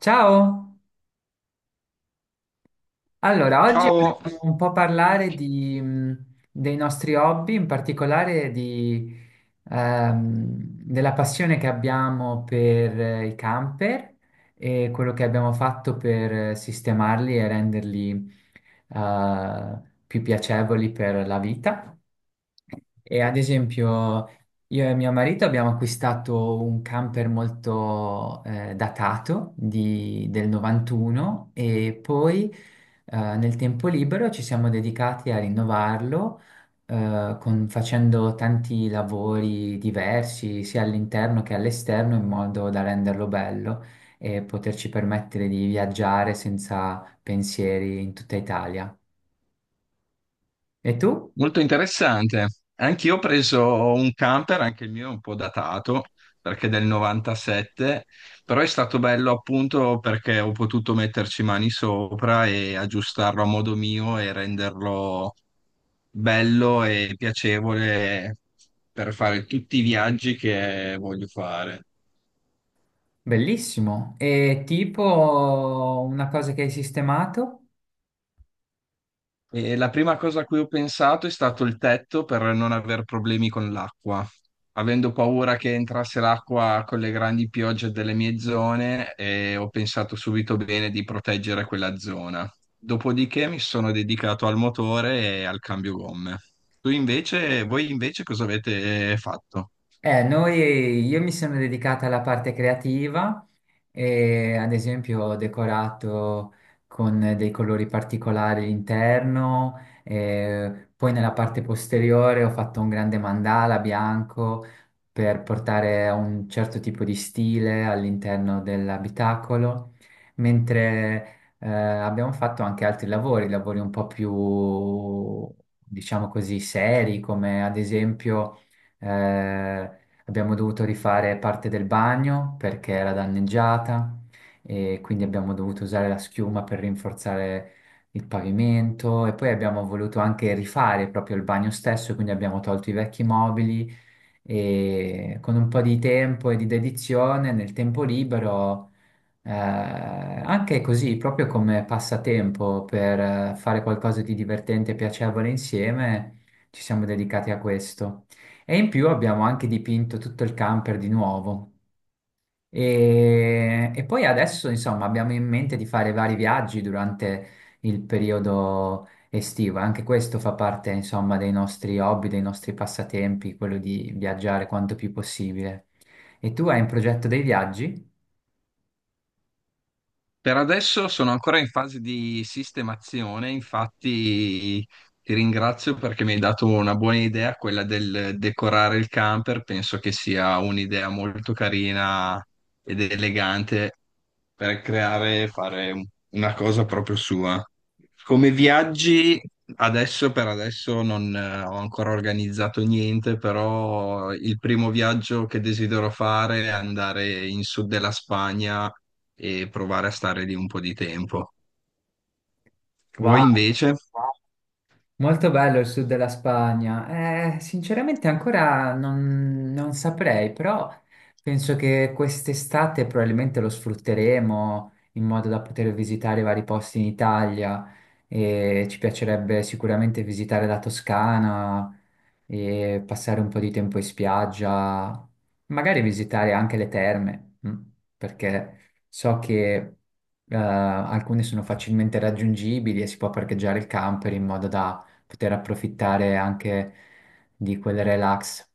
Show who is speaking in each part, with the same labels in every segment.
Speaker 1: Ciao! Allora, oggi
Speaker 2: Ciao,
Speaker 1: volevo un po' parlare di, dei nostri hobby, in particolare di, ehm, della passione che abbiamo per i camper e quello che abbiamo fatto per sistemarli e renderli, eh, più piacevoli per la vita. E ad esempio, io e mio marito abbiamo acquistato un camper molto datato del 91 e poi nel tempo libero ci siamo dedicati a rinnovarlo, facendo tanti lavori diversi, sia all'interno che all'esterno, in modo da renderlo bello e poterci permettere di viaggiare senza pensieri in tutta Italia. E tu?
Speaker 2: molto interessante. Anch'io ho preso un camper, anche il mio è un po' datato perché è del 97, però è stato bello appunto perché ho potuto metterci mani sopra e aggiustarlo a modo mio e renderlo bello e piacevole per fare tutti i viaggi che voglio fare.
Speaker 1: Bellissimo. E tipo una cosa che hai sistemato?
Speaker 2: E la prima cosa a cui ho pensato è stato il tetto per non aver problemi con l'acqua. Avendo paura che entrasse l'acqua con le grandi piogge delle mie zone, ho pensato subito bene di proteggere quella zona. Dopodiché mi sono dedicato al motore e al cambio gomme. Tu invece, voi invece cosa avete fatto?
Speaker 1: Io mi sono dedicata alla parte creativa e ad esempio ho decorato con dei colori particolari l'interno, poi nella parte posteriore ho fatto un grande mandala bianco per portare un certo tipo di stile all'interno dell'abitacolo, mentre abbiamo fatto anche altri lavori, lavori un po' più, diciamo così, seri, come ad esempio eh, Abbiamo dovuto rifare parte del bagno perché era danneggiata e quindi abbiamo dovuto usare la schiuma per rinforzare il pavimento e poi abbiamo voluto anche rifare proprio il bagno stesso, quindi abbiamo tolto i vecchi mobili e con un po' di tempo e di dedizione nel tempo libero anche così, proprio come passatempo per fare qualcosa di divertente e piacevole insieme, ci siamo dedicati a questo. E in più abbiamo anche dipinto tutto il camper di nuovo. E poi adesso, insomma, abbiamo in mente di fare vari viaggi durante il periodo estivo. Anche questo fa parte, insomma, dei nostri hobby, dei nostri passatempi, quello di viaggiare quanto più possibile. E tu hai in progetto dei viaggi?
Speaker 2: Per adesso sono ancora in fase di sistemazione, infatti ti ringrazio perché mi hai dato una buona idea, quella del decorare il camper, penso che sia un'idea molto carina ed elegante per creare e fare una cosa proprio sua. Come viaggi, adesso per adesso non ho ancora organizzato niente, però il primo viaggio che desidero fare è andare in sud della Spagna e provare a stare lì un po' di tempo. Voi
Speaker 1: Wow!
Speaker 2: invece?
Speaker 1: Molto bello il sud della Spagna. Sinceramente ancora non saprei, però penso che quest'estate probabilmente lo sfrutteremo in modo da poter visitare vari posti in Italia e ci piacerebbe sicuramente visitare la Toscana e passare un po' di tempo in spiaggia, magari visitare anche le terme, perché so che alcune sono facilmente raggiungibili e si può parcheggiare il camper in modo da poter approfittare anche di quel relax.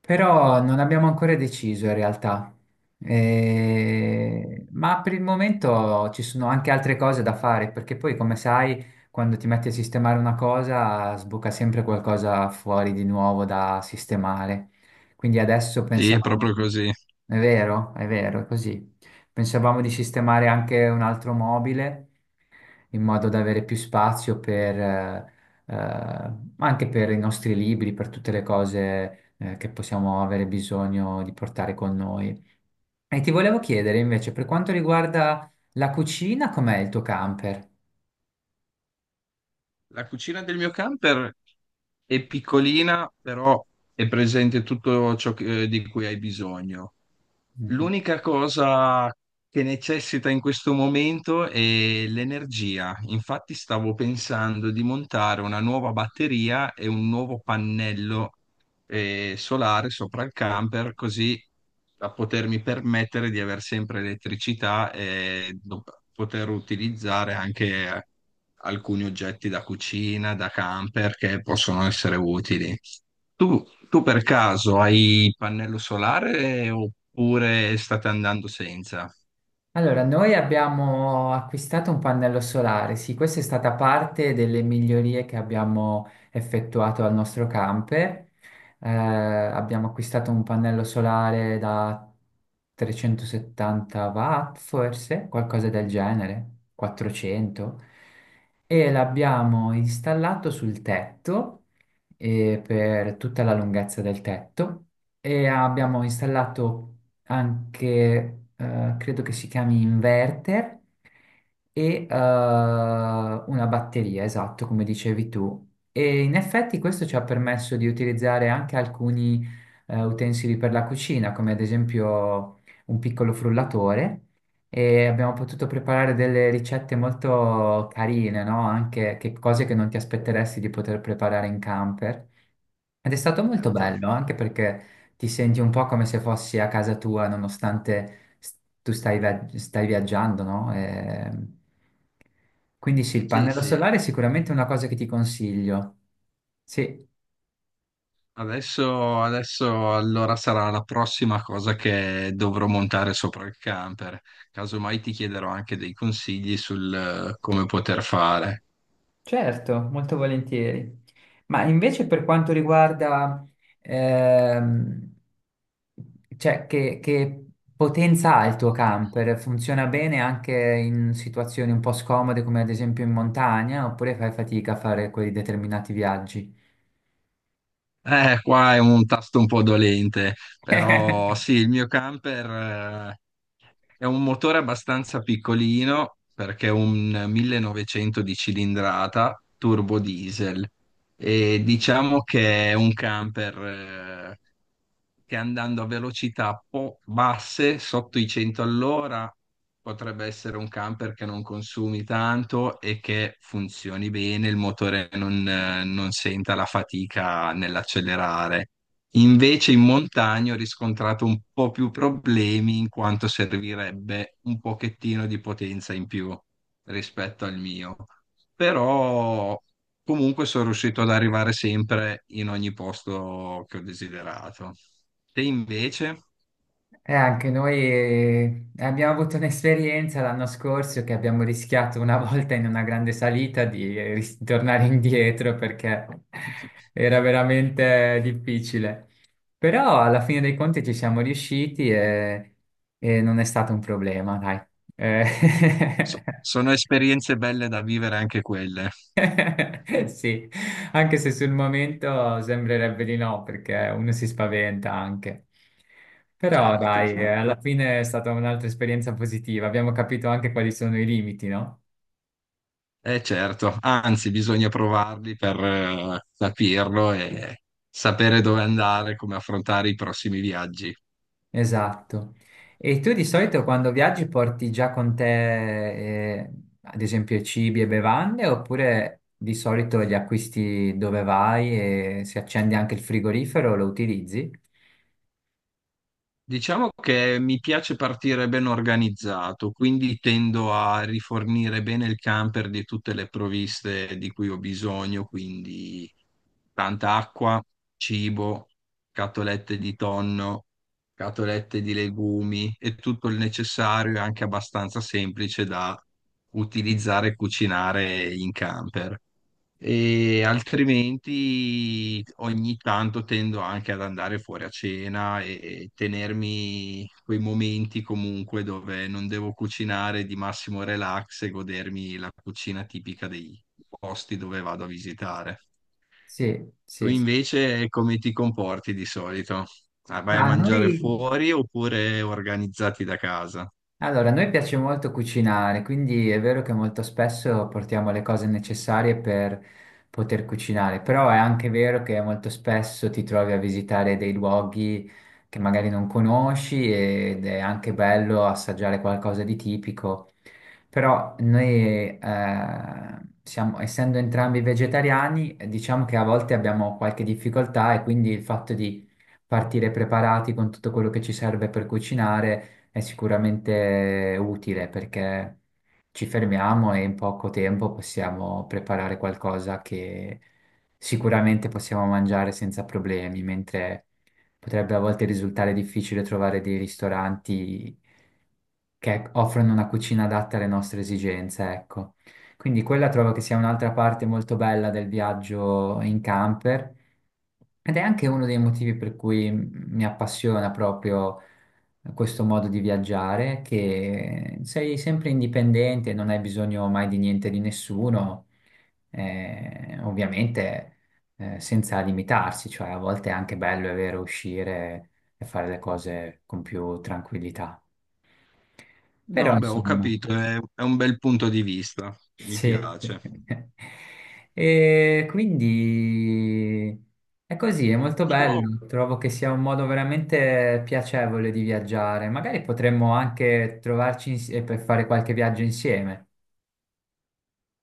Speaker 1: Però non abbiamo ancora deciso in realtà. Ma per il momento ci sono anche altre cose da fare, perché poi, come sai, quando ti metti a sistemare una cosa, sbuca sempre qualcosa fuori di nuovo da sistemare. Quindi adesso
Speaker 2: Sì, è
Speaker 1: pensavamo,
Speaker 2: proprio così.
Speaker 1: è vero, è vero, è così. Pensavamo di sistemare anche un altro mobile in modo da avere più spazio per, anche per i nostri libri, per tutte le cose, che possiamo avere bisogno di portare con noi. E ti volevo chiedere invece, per quanto riguarda la cucina, com'è il tuo camper?
Speaker 2: La cucina del mio camper è piccolina, però è presente tutto ciò di cui hai bisogno.
Speaker 1: Mhm.
Speaker 2: L'unica cosa che necessita in questo momento è l'energia. Infatti stavo pensando di montare una nuova batteria e un nuovo pannello solare sopra il camper, così da potermi permettere di avere sempre elettricità e poter utilizzare anche eh, alcuni oggetti da cucina, da camper che possono essere utili. Tu, tu per caso hai il pannello solare oppure state andando senza?
Speaker 1: Allora, noi abbiamo acquistato un pannello solare, sì, questa è stata parte delle migliorie che abbiamo effettuato al nostro camper. Abbiamo acquistato un pannello solare da 370 watt, forse, qualcosa del genere, 400, e l'abbiamo installato sul tetto per tutta la lunghezza del tetto e abbiamo installato anche, credo che si chiami inverter, e una batteria, esatto, come dicevi tu. E in effetti questo ci ha permesso di utilizzare anche alcuni utensili per la cucina, come ad esempio un piccolo frullatore. E abbiamo potuto preparare delle ricette molto carine, no? Anche cose che non ti aspetteresti di poter preparare in camper. Ed è stato molto
Speaker 2: Certo.
Speaker 1: bello, anche perché ti senti un po' come se fossi a casa tua, nonostante tu stai viaggiando, no? Quindi sì, il
Speaker 2: Sì,
Speaker 1: pannello
Speaker 2: sì.
Speaker 1: solare è sicuramente una cosa che ti consiglio. Sì,
Speaker 2: Adesso allora sarà la prossima cosa che dovrò montare sopra il camper. Casomai ti chiederò anche dei consigli sul come poter fare.
Speaker 1: certo, molto volentieri. Ma invece per quanto riguarda, ehm, cioè, che potenza ha il tuo camper? Funziona bene anche in situazioni un po' scomode, come ad esempio in montagna, oppure fai fatica a fare quei determinati viaggi?
Speaker 2: Qua è un tasto un po' dolente,
Speaker 1: E
Speaker 2: però sì, il mio camper eh, è un motore abbastanza piccolino perché è un 1900 di cilindrata turbo diesel e diciamo che è un camper eh, che andando a velocità basse, sotto i 100 all'ora, potrebbe essere un camper che non consumi tanto e che funzioni bene, il motore non, non senta la fatica nell'accelerare. Invece in montagna ho riscontrato un po' più problemi in quanto servirebbe un pochettino di potenza in più rispetto al mio. Però comunque sono riuscito ad arrivare sempre in ogni posto che ho desiderato. Te invece
Speaker 1: anche noi abbiamo avuto un'esperienza l'anno scorso che abbiamo rischiato una volta in una grande salita di tornare indietro perché era veramente difficile. Però alla fine dei conti ci siamo riusciti e non è stato un problema, dai. Eh,
Speaker 2: sono esperienze belle da vivere anche quelle.
Speaker 1: Sì, anche se sul momento sembrerebbe di no, perché uno si spaventa anche. Però
Speaker 2: Certo.
Speaker 1: dai, alla fine è stata un'altra esperienza positiva, abbiamo capito anche quali sono i limiti, no?
Speaker 2: Eh certo, anzi bisogna provarli per capirlo e sapere dove andare, come affrontare i prossimi viaggi.
Speaker 1: Esatto. E tu di solito quando viaggi porti già con te, ad esempio, cibi e bevande, oppure di solito li acquisti dove vai e se accendi anche il frigorifero lo utilizzi?
Speaker 2: Diciamo che mi piace partire ben organizzato, quindi tendo a rifornire bene il camper di tutte le provviste di cui ho bisogno, quindi tanta acqua, cibo, scatolette di tonno, scatolette di legumi e tutto il necessario e anche abbastanza semplice da utilizzare e cucinare in camper. E altrimenti ogni tanto tendo anche ad andare fuori a cena e tenermi quei momenti comunque dove non devo cucinare di massimo relax e godermi la cucina tipica dei posti dove vado a visitare.
Speaker 1: Sì,
Speaker 2: Tu
Speaker 1: sì, sì.
Speaker 2: invece come ti comporti di solito? Ah, vai a
Speaker 1: Ma noi
Speaker 2: mangiare fuori oppure organizzati da casa?
Speaker 1: Allora, a noi piace molto cucinare, quindi è vero che molto spesso portiamo le cose necessarie per poter cucinare, però è anche vero che molto spesso ti trovi a visitare dei luoghi che magari non conosci ed è anche bello assaggiare qualcosa di tipico. Però noi, siamo, essendo entrambi vegetariani, diciamo che a volte abbiamo qualche difficoltà e quindi il fatto di partire preparati con tutto quello che ci serve per cucinare è sicuramente utile perché ci fermiamo e in poco tempo possiamo preparare qualcosa che sicuramente possiamo mangiare senza problemi, mentre potrebbe a volte risultare difficile trovare dei ristoranti che offrono una cucina adatta alle nostre esigenze, ecco. Quindi quella trovo che sia un'altra parte molto bella del viaggio in camper ed è anche uno dei motivi per cui mi appassiona proprio questo modo di viaggiare, che sei sempre indipendente, non hai bisogno mai di niente di nessuno, ovviamente senza limitarsi, cioè a volte è anche bello, è vero, uscire e fare le cose con più tranquillità. Però
Speaker 2: No, beh, ho
Speaker 1: insomma,
Speaker 2: capito, è un bel punto di vista, mi
Speaker 1: sì.
Speaker 2: piace.
Speaker 1: E quindi è così, è molto
Speaker 2: Io
Speaker 1: bello. Trovo che sia un modo veramente piacevole di viaggiare. Magari potremmo anche trovarci per fare qualche viaggio insieme.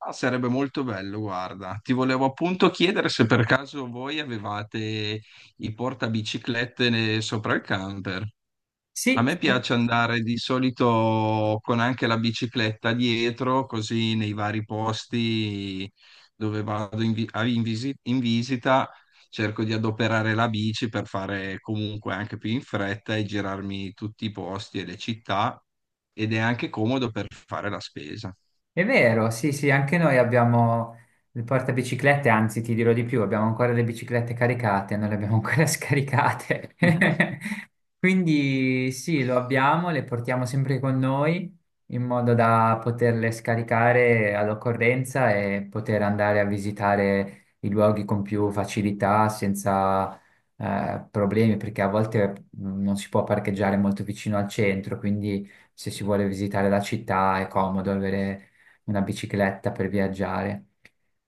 Speaker 2: Ah, sarebbe molto bello, guarda. Ti volevo appunto chiedere se per caso voi avevate i portabiciclette sopra il camper. A
Speaker 1: Sì,
Speaker 2: me piace andare di solito con anche la bicicletta dietro, così nei vari posti dove vado in, vi- a- in visi- in visita, cerco di adoperare la bici per fare comunque anche più in fretta e girarmi tutti i posti e le città ed è anche comodo per fare la spesa.
Speaker 1: è vero, sì, sì, anche noi abbiamo le portabiciclette, anzi, ti dirò di più, abbiamo ancora le biciclette caricate, non le abbiamo ancora scaricate. Quindi sì, lo abbiamo, le portiamo sempre con noi in modo da poterle scaricare all'occorrenza e poter andare a visitare i luoghi con più facilità, senza problemi, perché a volte non si può parcheggiare molto vicino al centro, quindi se si vuole visitare la città è comodo avere una bicicletta per viaggiare.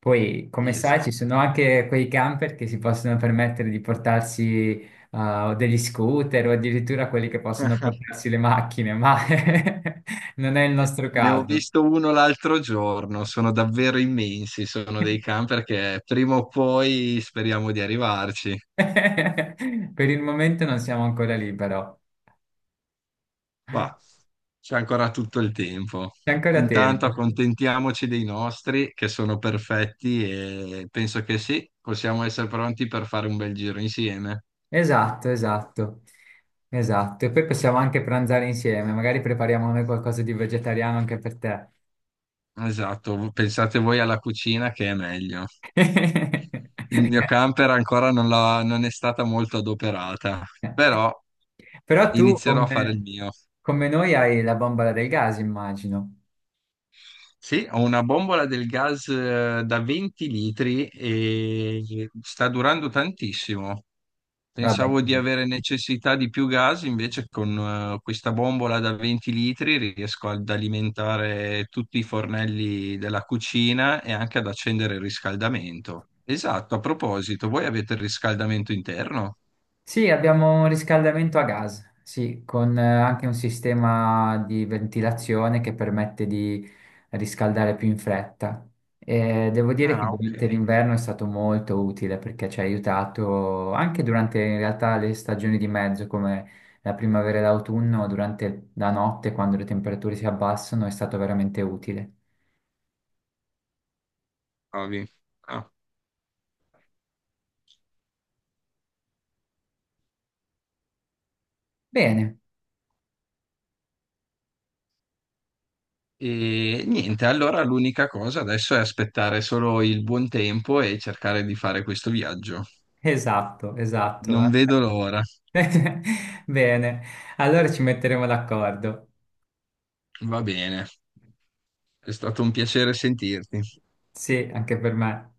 Speaker 1: Poi, come
Speaker 2: Sì,
Speaker 1: sai, ci
Speaker 2: esatto.
Speaker 1: sono anche quei camper che si possono permettere di portarsi o degli scooter o addirittura quelli che possono portarsi le macchine, ma non è il nostro
Speaker 2: Ne ho
Speaker 1: caso.
Speaker 2: visto uno l'altro giorno, sono davvero immensi, sono dei camper che prima o poi speriamo di arrivarci,
Speaker 1: Per il momento non siamo ancora lì, però
Speaker 2: ma c'è ancora tutto il tempo.
Speaker 1: c'è ancora
Speaker 2: Intanto
Speaker 1: tempo.
Speaker 2: accontentiamoci dei nostri che sono perfetti e penso che sì, possiamo essere pronti per fare un bel giro insieme.
Speaker 1: Esatto, esatto, esatto. E poi possiamo anche pranzare insieme, magari prepariamo noi qualcosa di vegetariano anche per te.
Speaker 2: Esatto, pensate voi alla cucina che è meglio. Il mio camper ancora non è stata molto adoperata, però
Speaker 1: Però tu,
Speaker 2: inizierò a fare il
Speaker 1: come,
Speaker 2: mio.
Speaker 1: come noi, hai la bombola del gas, immagino.
Speaker 2: Sì, ho una bombola del gas da 20 litri e sta durando tantissimo.
Speaker 1: Vabbè,
Speaker 2: Pensavo di avere necessità di più gas, invece con questa bombola da 20 litri riesco ad alimentare tutti i fornelli della cucina e anche ad accendere il riscaldamento. Esatto, a proposito, voi avete il riscaldamento interno?
Speaker 1: Sì, abbiamo un riscaldamento a gas, sì, con anche un sistema di ventilazione che permette di riscaldare più in fretta. E devo dire che
Speaker 2: Ah, ok.
Speaker 1: durante l'inverno è stato molto utile perché ci ha aiutato anche durante in realtà le stagioni di mezzo, come la primavera e l'autunno, durante la notte, quando le temperature si abbassano, è stato veramente utile.
Speaker 2: Bravi.
Speaker 1: Bene,
Speaker 2: E niente, allora l'unica cosa adesso è aspettare solo il buon tempo e cercare di fare questo viaggio.
Speaker 1: esatto, esatto.
Speaker 2: Non vedo l'ora.
Speaker 1: Bene, allora ci metteremo d'accordo.
Speaker 2: Va bene, è stato un piacere sentirti.
Speaker 1: Sì, anche per me.